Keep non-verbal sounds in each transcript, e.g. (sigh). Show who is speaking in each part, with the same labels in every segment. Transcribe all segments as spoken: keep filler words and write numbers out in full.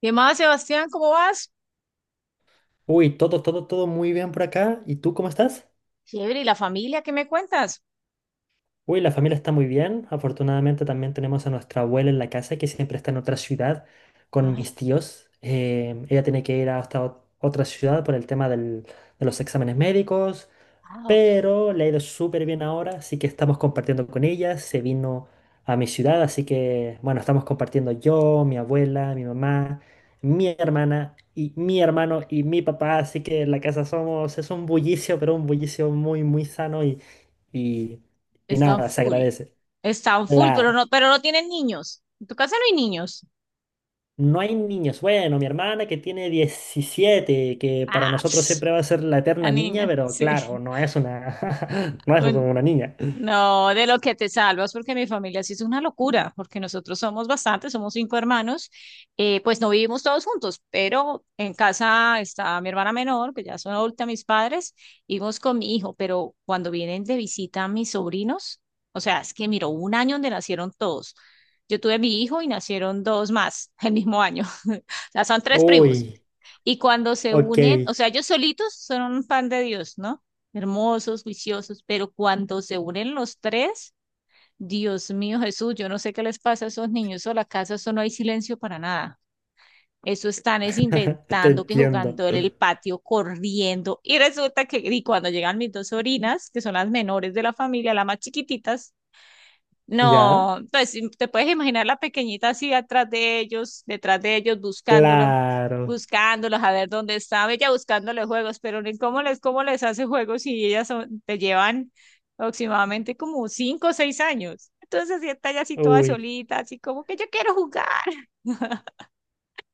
Speaker 1: ¿Qué más, Sebastián? ¿Cómo vas?
Speaker 2: Uy, todo, todo, todo muy bien por acá. ¿Y tú cómo estás?
Speaker 1: Chévere, ¿y la familia? ¿Qué me cuentas?
Speaker 2: Uy, la familia está muy bien. Afortunadamente también tenemos a nuestra abuela en la casa que siempre está en otra ciudad con
Speaker 1: Ay,
Speaker 2: mis tíos. Eh, ella tiene que ir hasta ot- otra ciudad por el tema del- de los exámenes médicos,
Speaker 1: ah, ok.
Speaker 2: pero le ha ido súper bien ahora, así que estamos compartiendo con ella. Se vino a mi ciudad, así que bueno, estamos compartiendo yo, mi abuela, mi mamá, mi hermana y mi hermano y mi papá, así que en la casa somos, es un bullicio, pero un bullicio muy, muy sano y, y
Speaker 1: Están
Speaker 2: nada, se
Speaker 1: full.
Speaker 2: agradece.
Speaker 1: Están full, pero
Speaker 2: Claro,
Speaker 1: no, pero no tienen niños. En tu casa no hay niños.
Speaker 2: no hay niños. Bueno, mi hermana que tiene diecisiete que para
Speaker 1: Ah,
Speaker 2: nosotros
Speaker 1: pss,
Speaker 2: siempre va a ser la
Speaker 1: la
Speaker 2: eterna niña,
Speaker 1: niña,
Speaker 2: pero
Speaker 1: sí.
Speaker 2: claro,
Speaker 1: (laughs)
Speaker 2: no es una, (laughs) no es
Speaker 1: Bueno,
Speaker 2: una niña.
Speaker 1: no, de lo que te salvas, porque mi familia sí es una locura, porque nosotros somos bastantes, somos cinco hermanos, eh, pues no vivimos todos juntos, pero en casa está mi hermana menor, que ya son adulta mis padres, vivimos con mi hijo, pero cuando vienen de visita mis sobrinos, o sea, es que miro, hubo un año donde nacieron todos. Yo tuve mi hijo y nacieron dos más (laughs) el mismo año, (laughs) o sea, son tres primos.
Speaker 2: Uy,
Speaker 1: Y cuando se
Speaker 2: ok,
Speaker 1: unen, o sea,
Speaker 2: (laughs)
Speaker 1: ellos solitos son un pan de Dios, ¿no? Hermosos, juiciosos, pero cuando se unen los tres, Dios mío Jesús, yo no sé qué les pasa a esos niños o la casa, eso no hay silencio para nada. Eso están es
Speaker 2: te
Speaker 1: inventando que
Speaker 2: entiendo.
Speaker 1: jugando en el patio, corriendo. Y resulta que, y cuando llegan mis dos sobrinas, que son las menores de la familia, las más chiquititas,
Speaker 2: ¿Ya?
Speaker 1: no, pues te puedes imaginar la pequeñita así atrás de ellos, detrás de ellos, buscándolos,
Speaker 2: Claro,
Speaker 1: buscándolos a ver dónde estaba ella buscándole juegos, pero ni cómo les, cómo les hace juegos si ellas son- te llevan aproximadamente como cinco o seis años. Entonces ya está ya así toda
Speaker 2: uy.
Speaker 1: solita, así como que yo quiero jugar. (laughs)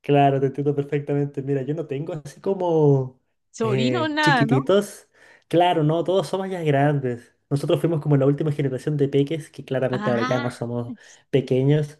Speaker 2: Claro, te entiendo perfectamente. Mira, yo no tengo así como
Speaker 1: Sobrino,
Speaker 2: eh,
Speaker 1: nada, ¿no?
Speaker 2: chiquititos. Claro, no, todos somos ya grandes. Nosotros fuimos como la última generación de peques, que claramente ahora ya no
Speaker 1: Ah,
Speaker 2: somos pequeños.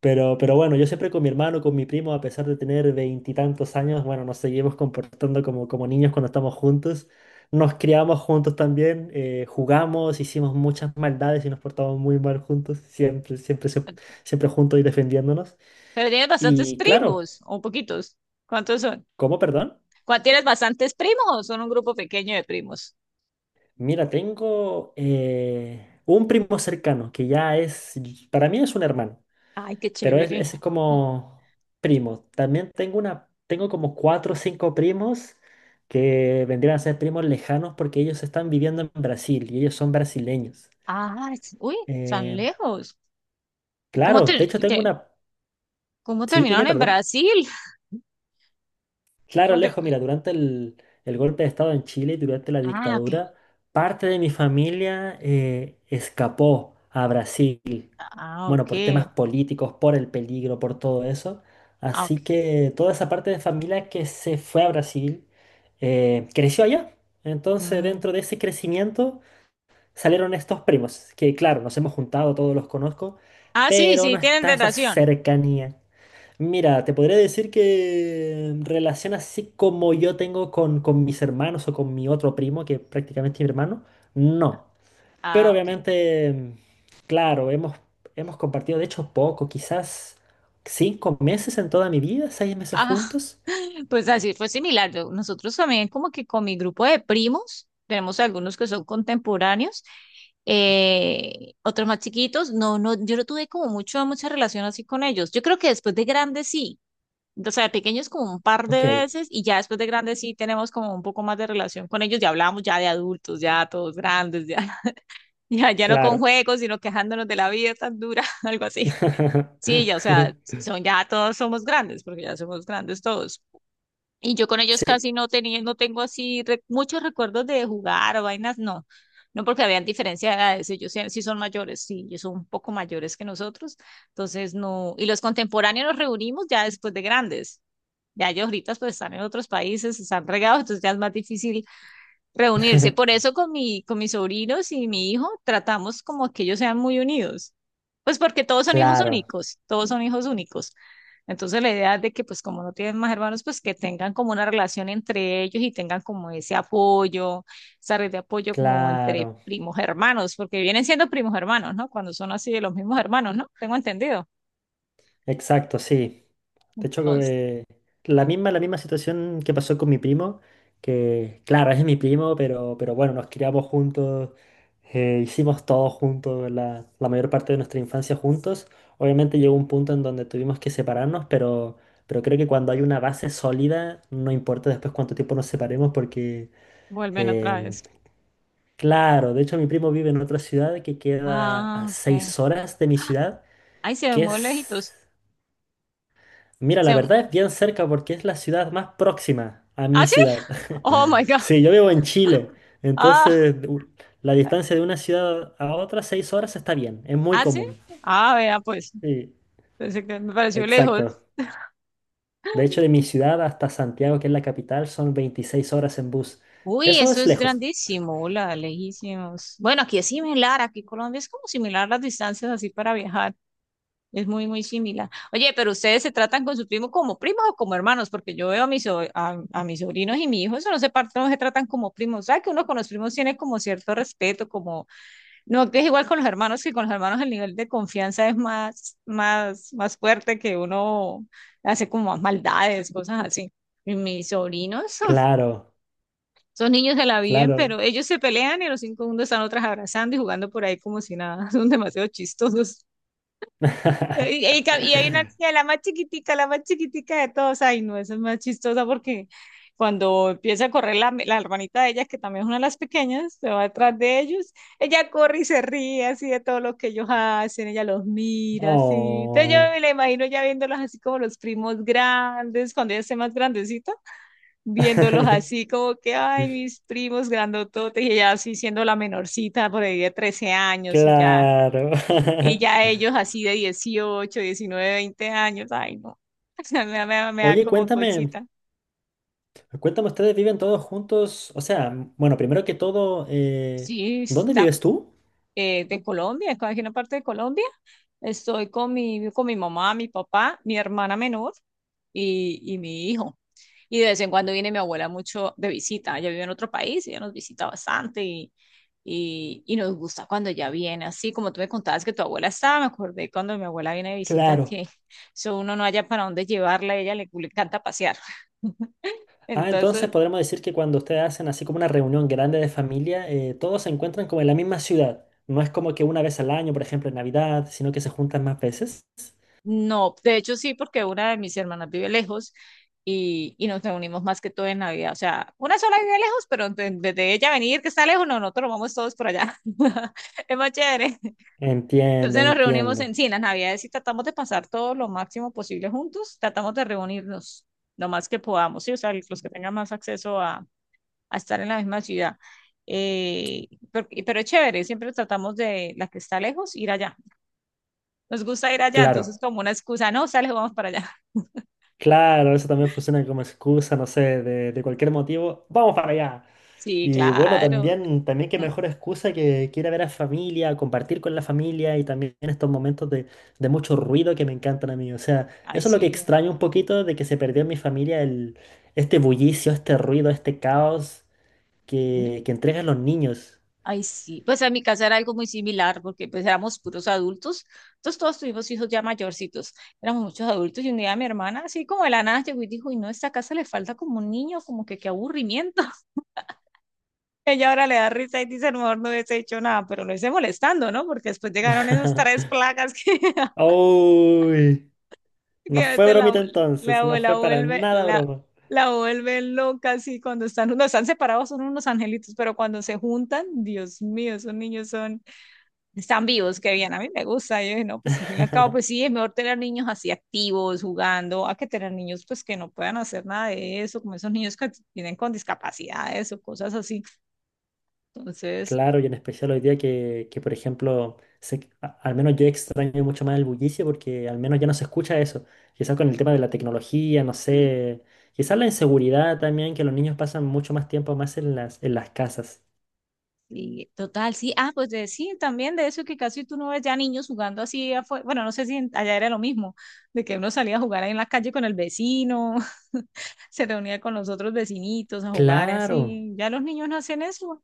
Speaker 2: Pero, pero bueno, yo siempre con mi hermano, con mi primo, a pesar de tener veintitantos años, bueno, nos seguimos comportando como, como niños cuando estamos juntos. Nos criamos juntos también, eh, jugamos, hicimos muchas maldades y nos portamos muy mal juntos, siempre, siempre, siempre, siempre juntos y defendiéndonos.
Speaker 1: pero tienes bastantes
Speaker 2: Y claro,
Speaker 1: primos, o poquitos. ¿Cuántos son?
Speaker 2: ¿cómo, perdón?
Speaker 1: ¿Cuán- ¿Tienes bastantes primos o son un grupo pequeño de primos?
Speaker 2: Mira, tengo eh, un primo cercano que ya es, para mí es un hermano,
Speaker 1: Ay, qué
Speaker 2: pero es-
Speaker 1: chévere.
Speaker 2: ese es como primo. También tengo una, tengo como cuatro o cinco primos que vendrían a ser primos lejanos porque ellos están viviendo en Brasil y ellos son brasileños.
Speaker 1: Ah, es- uy, tan
Speaker 2: Eh,
Speaker 1: lejos. ¿Y cómo
Speaker 2: claro,
Speaker 1: te,
Speaker 2: de hecho tengo
Speaker 1: te-
Speaker 2: una,
Speaker 1: ¿Cómo
Speaker 2: sí, dime,
Speaker 1: terminaron en
Speaker 2: perdón.
Speaker 1: Brasil? (laughs)
Speaker 2: Claro,
Speaker 1: ¿Cómo te-
Speaker 2: Alejo, mira, durante el, el golpe de Estado en Chile y durante la
Speaker 1: Ah, ok.
Speaker 2: dictadura, parte de mi familia eh, escapó a Brasil.
Speaker 1: Ah,
Speaker 2: Bueno,
Speaker 1: ok.
Speaker 2: por temas políticos, por el peligro, por todo eso.
Speaker 1: Ah, ok.
Speaker 2: Así que toda esa parte de familia que se fue a Brasil eh, creció allá. Entonces,
Speaker 1: Mm.
Speaker 2: dentro de ese crecimiento salieron estos primos, que claro, nos hemos juntado, todos los conozco,
Speaker 1: Ah, sí,
Speaker 2: pero
Speaker 1: sí,
Speaker 2: no
Speaker 1: tienen
Speaker 2: está esa
Speaker 1: relación.
Speaker 2: cercanía. Mira, te podría decir que relación así como yo tengo con, con mis hermanos o con mi otro primo, que prácticamente es mi hermano, no. Pero
Speaker 1: Ah, ok.
Speaker 2: obviamente, claro, hemos, hemos compartido, de hecho, poco, quizás cinco meses en toda mi vida, seis meses
Speaker 1: Ah,
Speaker 2: juntos.
Speaker 1: (laughs) pues así fue similar. Yo- Nosotros también como que con mi grupo de primos, tenemos algunos que son contemporáneos, eh, otros más chiquitos. No, no, yo no tuve como mucho, mucha relación así con ellos. Yo creo que después de grandes sí. O sea, de pequeños como un par de
Speaker 2: Ok,
Speaker 1: veces y ya después de grandes sí tenemos como un poco más de relación con ellos. Ya hablamos ya de adultos, ya todos grandes, ya. (laughs) Ya, ya no con
Speaker 2: claro.
Speaker 1: juegos, sino quejándonos de la vida tan dura, (laughs) algo así. Sí, ya, o sea,
Speaker 2: (laughs)
Speaker 1: son ya todos somos grandes, porque ya somos grandes todos. Y yo con ellos
Speaker 2: Sí,
Speaker 1: casi no tenía, no tengo así re- muchos recuerdos de jugar o vainas, no. No porque habían diferencia de edades, ellos sí, sí son mayores, sí, ellos son un poco mayores que nosotros, entonces no. Y los contemporáneos nos reunimos ya después de grandes. Ya ellos ahorita pues están en otros países, están regados, entonces ya es más difícil reunirse. Por eso con mi, con mis sobrinos y mi hijo tratamos como que ellos sean muy unidos. Pues porque todos son hijos
Speaker 2: claro,
Speaker 1: únicos, todos son hijos únicos. Entonces la idea es de que pues como no tienen más hermanos, pues que tengan como una relación entre ellos y tengan como ese apoyo, esa red de apoyo como entre
Speaker 2: claro.
Speaker 1: primos hermanos, porque vienen siendo primos hermanos, ¿no? Cuando son así de los mismos hermanos, ¿no? Tengo entendido.
Speaker 2: Exacto, sí. De hecho,
Speaker 1: Entonces,
Speaker 2: eh, la misma, la misma situación que pasó con mi primo, que claro, es mi primo, pero, pero bueno, nos criamos juntos, eh, hicimos todo juntos, la, la mayor parte de nuestra infancia juntos. Obviamente llegó un punto en donde tuvimos que separarnos, pero, pero creo que cuando hay una base sólida, no importa después cuánto tiempo nos separemos, porque
Speaker 1: vuelven otra
Speaker 2: em,
Speaker 1: vez.
Speaker 2: claro, de hecho mi primo vive en otra ciudad que queda a
Speaker 1: Ah, ok.
Speaker 2: seis horas de mi ciudad,
Speaker 1: Ay, se ven
Speaker 2: que
Speaker 1: muy
Speaker 2: es...
Speaker 1: lejitos.
Speaker 2: Mira,
Speaker 1: Se...
Speaker 2: la verdad es bien cerca porque es la ciudad más próxima a mi
Speaker 1: ¿Ah, sí?
Speaker 2: ciudad.
Speaker 1: Oh,
Speaker 2: (laughs)
Speaker 1: my God.
Speaker 2: Sí, yo vivo en Chile,
Speaker 1: Ah.
Speaker 2: entonces u- la distancia de una ciudad a otra, seis horas, está bien, es muy
Speaker 1: ¿Ah, sí?
Speaker 2: común.
Speaker 1: Ah, vea, pues.
Speaker 2: Sí,
Speaker 1: Pensé que me pareció lejos.
Speaker 2: exacto. De hecho, de mi ciudad hasta Santiago, que es la capital, son veintiséis horas en bus.
Speaker 1: Uy,
Speaker 2: Eso
Speaker 1: eso
Speaker 2: es
Speaker 1: es
Speaker 2: lejos.
Speaker 1: grandísimo, hola, lejísimos. Bueno, aquí es similar, aquí en Colombia es como similar las distancias así para viajar, es muy, muy similar. Oye, pero ustedes se tratan con su primo como primos o como hermanos, porque yo veo a mis, so- a, a mis sobrinos y mi hijo, eso no se, par- no se tratan como primos, ¿sabes? Que uno con los primos tiene como cierto respeto, como no, que es igual con los hermanos, que con los hermanos el nivel de confianza es más, más, más fuerte, que uno hace como más maldades, cosas así. Y mis sobrinos, (laughs)
Speaker 2: Claro,
Speaker 1: son niños, se la viven, pero
Speaker 2: claro.
Speaker 1: ellos se pelean y a los cinco segundos están otras abrazando y jugando por ahí como si nada. (laughs) Son demasiado chistosos. Y,
Speaker 2: (laughs)
Speaker 1: y ca- y hay una niña, la más chiquitica, la más chiquitica de todos. Ay, no, esa es más chistosa porque cuando empieza a correr la, la hermanita de ella, que también es una de las pequeñas, se va detrás de ellos, ella corre y se ríe así de todo lo que ellos hacen, ella los mira así. Entonces yo
Speaker 2: Oh.
Speaker 1: me la imagino ya viéndolos así como los primos grandes, cuando ella esté más grandecita, viéndolos
Speaker 2: (laughs)
Speaker 1: así como que, ay, mis primos grandototes, y ella así siendo la menorcita por ahí de trece años y ya.
Speaker 2: Claro.
Speaker 1: Y ya ellos así de dieciocho diecinueve veinte años, ay, no, (laughs) me, da- me, da me da
Speaker 2: (laughs) Oye,
Speaker 1: como
Speaker 2: cuéntame,
Speaker 1: cosita.
Speaker 2: cuéntame, ¿ustedes viven todos juntos? O sea, m- bueno, primero que todo, eh,
Speaker 1: Sí,
Speaker 2: ¿dónde
Speaker 1: está,
Speaker 2: vives tú?
Speaker 1: eh, de Colombia, estoy aquí en una parte de Colombia. Estoy con mi, con mi mamá, mi papá, mi hermana menor y, y mi hijo. Y de vez en cuando viene mi abuela mucho de visita. Ella vive en otro país, ella nos visita bastante y, y, y nos gusta cuando ella viene. Así como tú me contabas que tu abuela estaba, me acordé cuando mi abuela viene de visita
Speaker 2: Claro.
Speaker 1: que (laughs) eso uno no haya para dónde llevarla, a ella le, le encanta pasear.
Speaker 2: Ah, entonces
Speaker 1: Entonces,
Speaker 2: podremos decir que cuando ustedes hacen así como una reunión grande de familia, eh, todos se encuentran como en la misma ciudad. No es como que una vez al año, por ejemplo, en Navidad, sino que se juntan más veces.
Speaker 1: no, de hecho sí, porque una de mis hermanas vive lejos y, y nos reunimos más que todo en Navidad. O sea, una sola vive lejos, pero de- desde ella venir que está lejos, no, nosotros nos vamos todos por allá. (laughs) Es más chévere.
Speaker 2: Entiendo,
Speaker 1: Entonces nos reunimos
Speaker 2: entiendo.
Speaker 1: en, sí, en las Navidades y tratamos de pasar todo lo máximo posible juntos, tratamos de reunirnos lo más que podamos, ¿sí? O sea, los que tengan más acceso a, a estar en la misma ciudad. Eh, pero, pero es chévere, siempre tratamos de la que está lejos ir allá. Nos gusta ir allá, entonces
Speaker 2: Claro,
Speaker 1: como una excusa, no, sale, vamos para allá. (laughs)
Speaker 2: claro, eso también funciona como excusa, no sé, de, de cualquier motivo. ¡Vamos para allá!
Speaker 1: Sí,
Speaker 2: Y bueno,
Speaker 1: claro.
Speaker 2: también, también qué
Speaker 1: Mm.
Speaker 2: mejor excusa que, que ir a ver a familia, compartir con la familia y también estos momentos de, de mucho ruido que me encantan a mí. O sea,
Speaker 1: Ay,
Speaker 2: eso es lo que
Speaker 1: sí.
Speaker 2: extraño un poquito de que se perdió en mi familia el, este bullicio, este ruido, este caos
Speaker 1: No.
Speaker 2: que, que entregan los niños.
Speaker 1: Ay, sí. Pues en mi casa era algo muy similar porque pues éramos puros adultos, entonces todos tuvimos hijos ya mayorcitos, éramos muchos adultos y un día mi hermana así como de la nada llegó y dijo, y no, esta casa le falta como un niño, como que qué aburrimiento. (laughs) Ella ahora le da risa y dice, a lo mejor no hubiese hecho nada, pero lo hice molestando, ¿no? Porque después llegaron esas tres
Speaker 2: (laughs)
Speaker 1: plagas (laughs) que
Speaker 2: Uy, no
Speaker 1: que a
Speaker 2: fue
Speaker 1: veces la,
Speaker 2: bromita
Speaker 1: abue- la
Speaker 2: entonces, no
Speaker 1: abuela
Speaker 2: fue para
Speaker 1: vuelve,
Speaker 2: nada
Speaker 1: la,
Speaker 2: broma.
Speaker 1: la vuelve loca así cuando están, no están separados, son unos angelitos, pero cuando se juntan, Dios mío, esos niños son, están vivos, qué bien, a mí me gusta, yo dije, no, pues al fin y al cabo,
Speaker 2: (laughs)
Speaker 1: pues sí, es mejor tener niños así activos, jugando, a que tener niños pues que no puedan hacer nada de eso, como esos niños que tienen con discapacidades o cosas así, entonces...
Speaker 2: Claro, y en especial hoy día que, que, por ejemplo, se- a- al menos yo extraño mucho más el bullicio porque al menos ya no se escucha eso. Quizás con el tema de la tecnología, no sé, quizás la inseguridad también, que los niños pasan mucho más tiempo más en las, en las casas.
Speaker 1: Sí, total, sí. Ah, pues de, sí, también de eso que casi tú no ves ya niños jugando así afuera. Bueno, no sé si en- allá era lo mismo, de que uno salía a jugar ahí en la calle con el vecino, (laughs) se reunía con los otros vecinitos a jugar
Speaker 2: Claro,
Speaker 1: así. Ya los niños no hacen eso.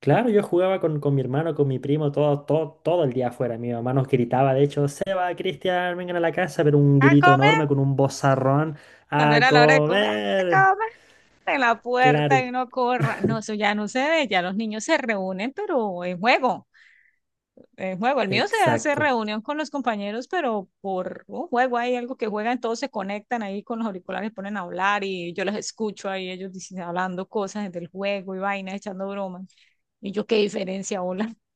Speaker 2: claro, yo jugaba con, con mi hermano, con mi primo, todo, todo, todo el día afuera. Mi mamá nos gritaba, de hecho, Seba, Cristian, vengan a la casa, pero un
Speaker 1: ¡A
Speaker 2: grito
Speaker 1: comer!
Speaker 2: enorme con un bozarrón,
Speaker 1: Cuando
Speaker 2: a
Speaker 1: era la hora de comer, ¡a
Speaker 2: comer.
Speaker 1: comer! En la
Speaker 2: Claro,
Speaker 1: puerta y
Speaker 2: y-
Speaker 1: uno corra. No, eso ya no se ve, ya los niños se reúnen, pero en juego. Eh, juego. El mío se hace
Speaker 2: exacto,
Speaker 1: reunión con los compañeros, pero por un juego hay algo que juegan, todos se conectan ahí con los auriculares, ponen a hablar y yo los escucho ahí, ellos dicen, hablando cosas del juego y vainas, echando bromas. Y yo, qué diferencia, hola. (laughs)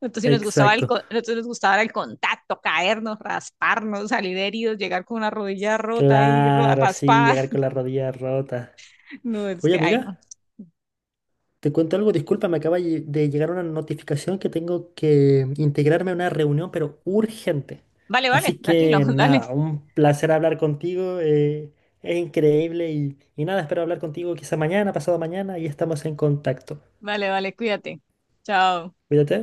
Speaker 1: Entonces si nos gustaba el,
Speaker 2: exacto.
Speaker 1: co- nosotros nos gustaba el contacto, caernos, rasparnos, salir heridos, llegar con una rodilla rota ahí, ro-
Speaker 2: Claro, sí,
Speaker 1: raspada.
Speaker 2: llegar con
Speaker 1: (laughs)
Speaker 2: la rodilla rota.
Speaker 1: No, es
Speaker 2: Oye,
Speaker 1: que, ay, no.
Speaker 2: amiga, te cuento algo, disculpa, me acaba lle- de llegar una notificación que tengo que integrarme a una reunión, pero urgente.
Speaker 1: Vale, vale,
Speaker 2: Así
Speaker 1: tranquilo,
Speaker 2: que
Speaker 1: (laughs) dale.
Speaker 2: nada, un placer hablar contigo, eh, es increíble y, y nada, espero hablar contigo quizá mañana, pasado mañana y estamos en contacto.
Speaker 1: Vale, vale, cuídate. Chao.
Speaker 2: Cuídate.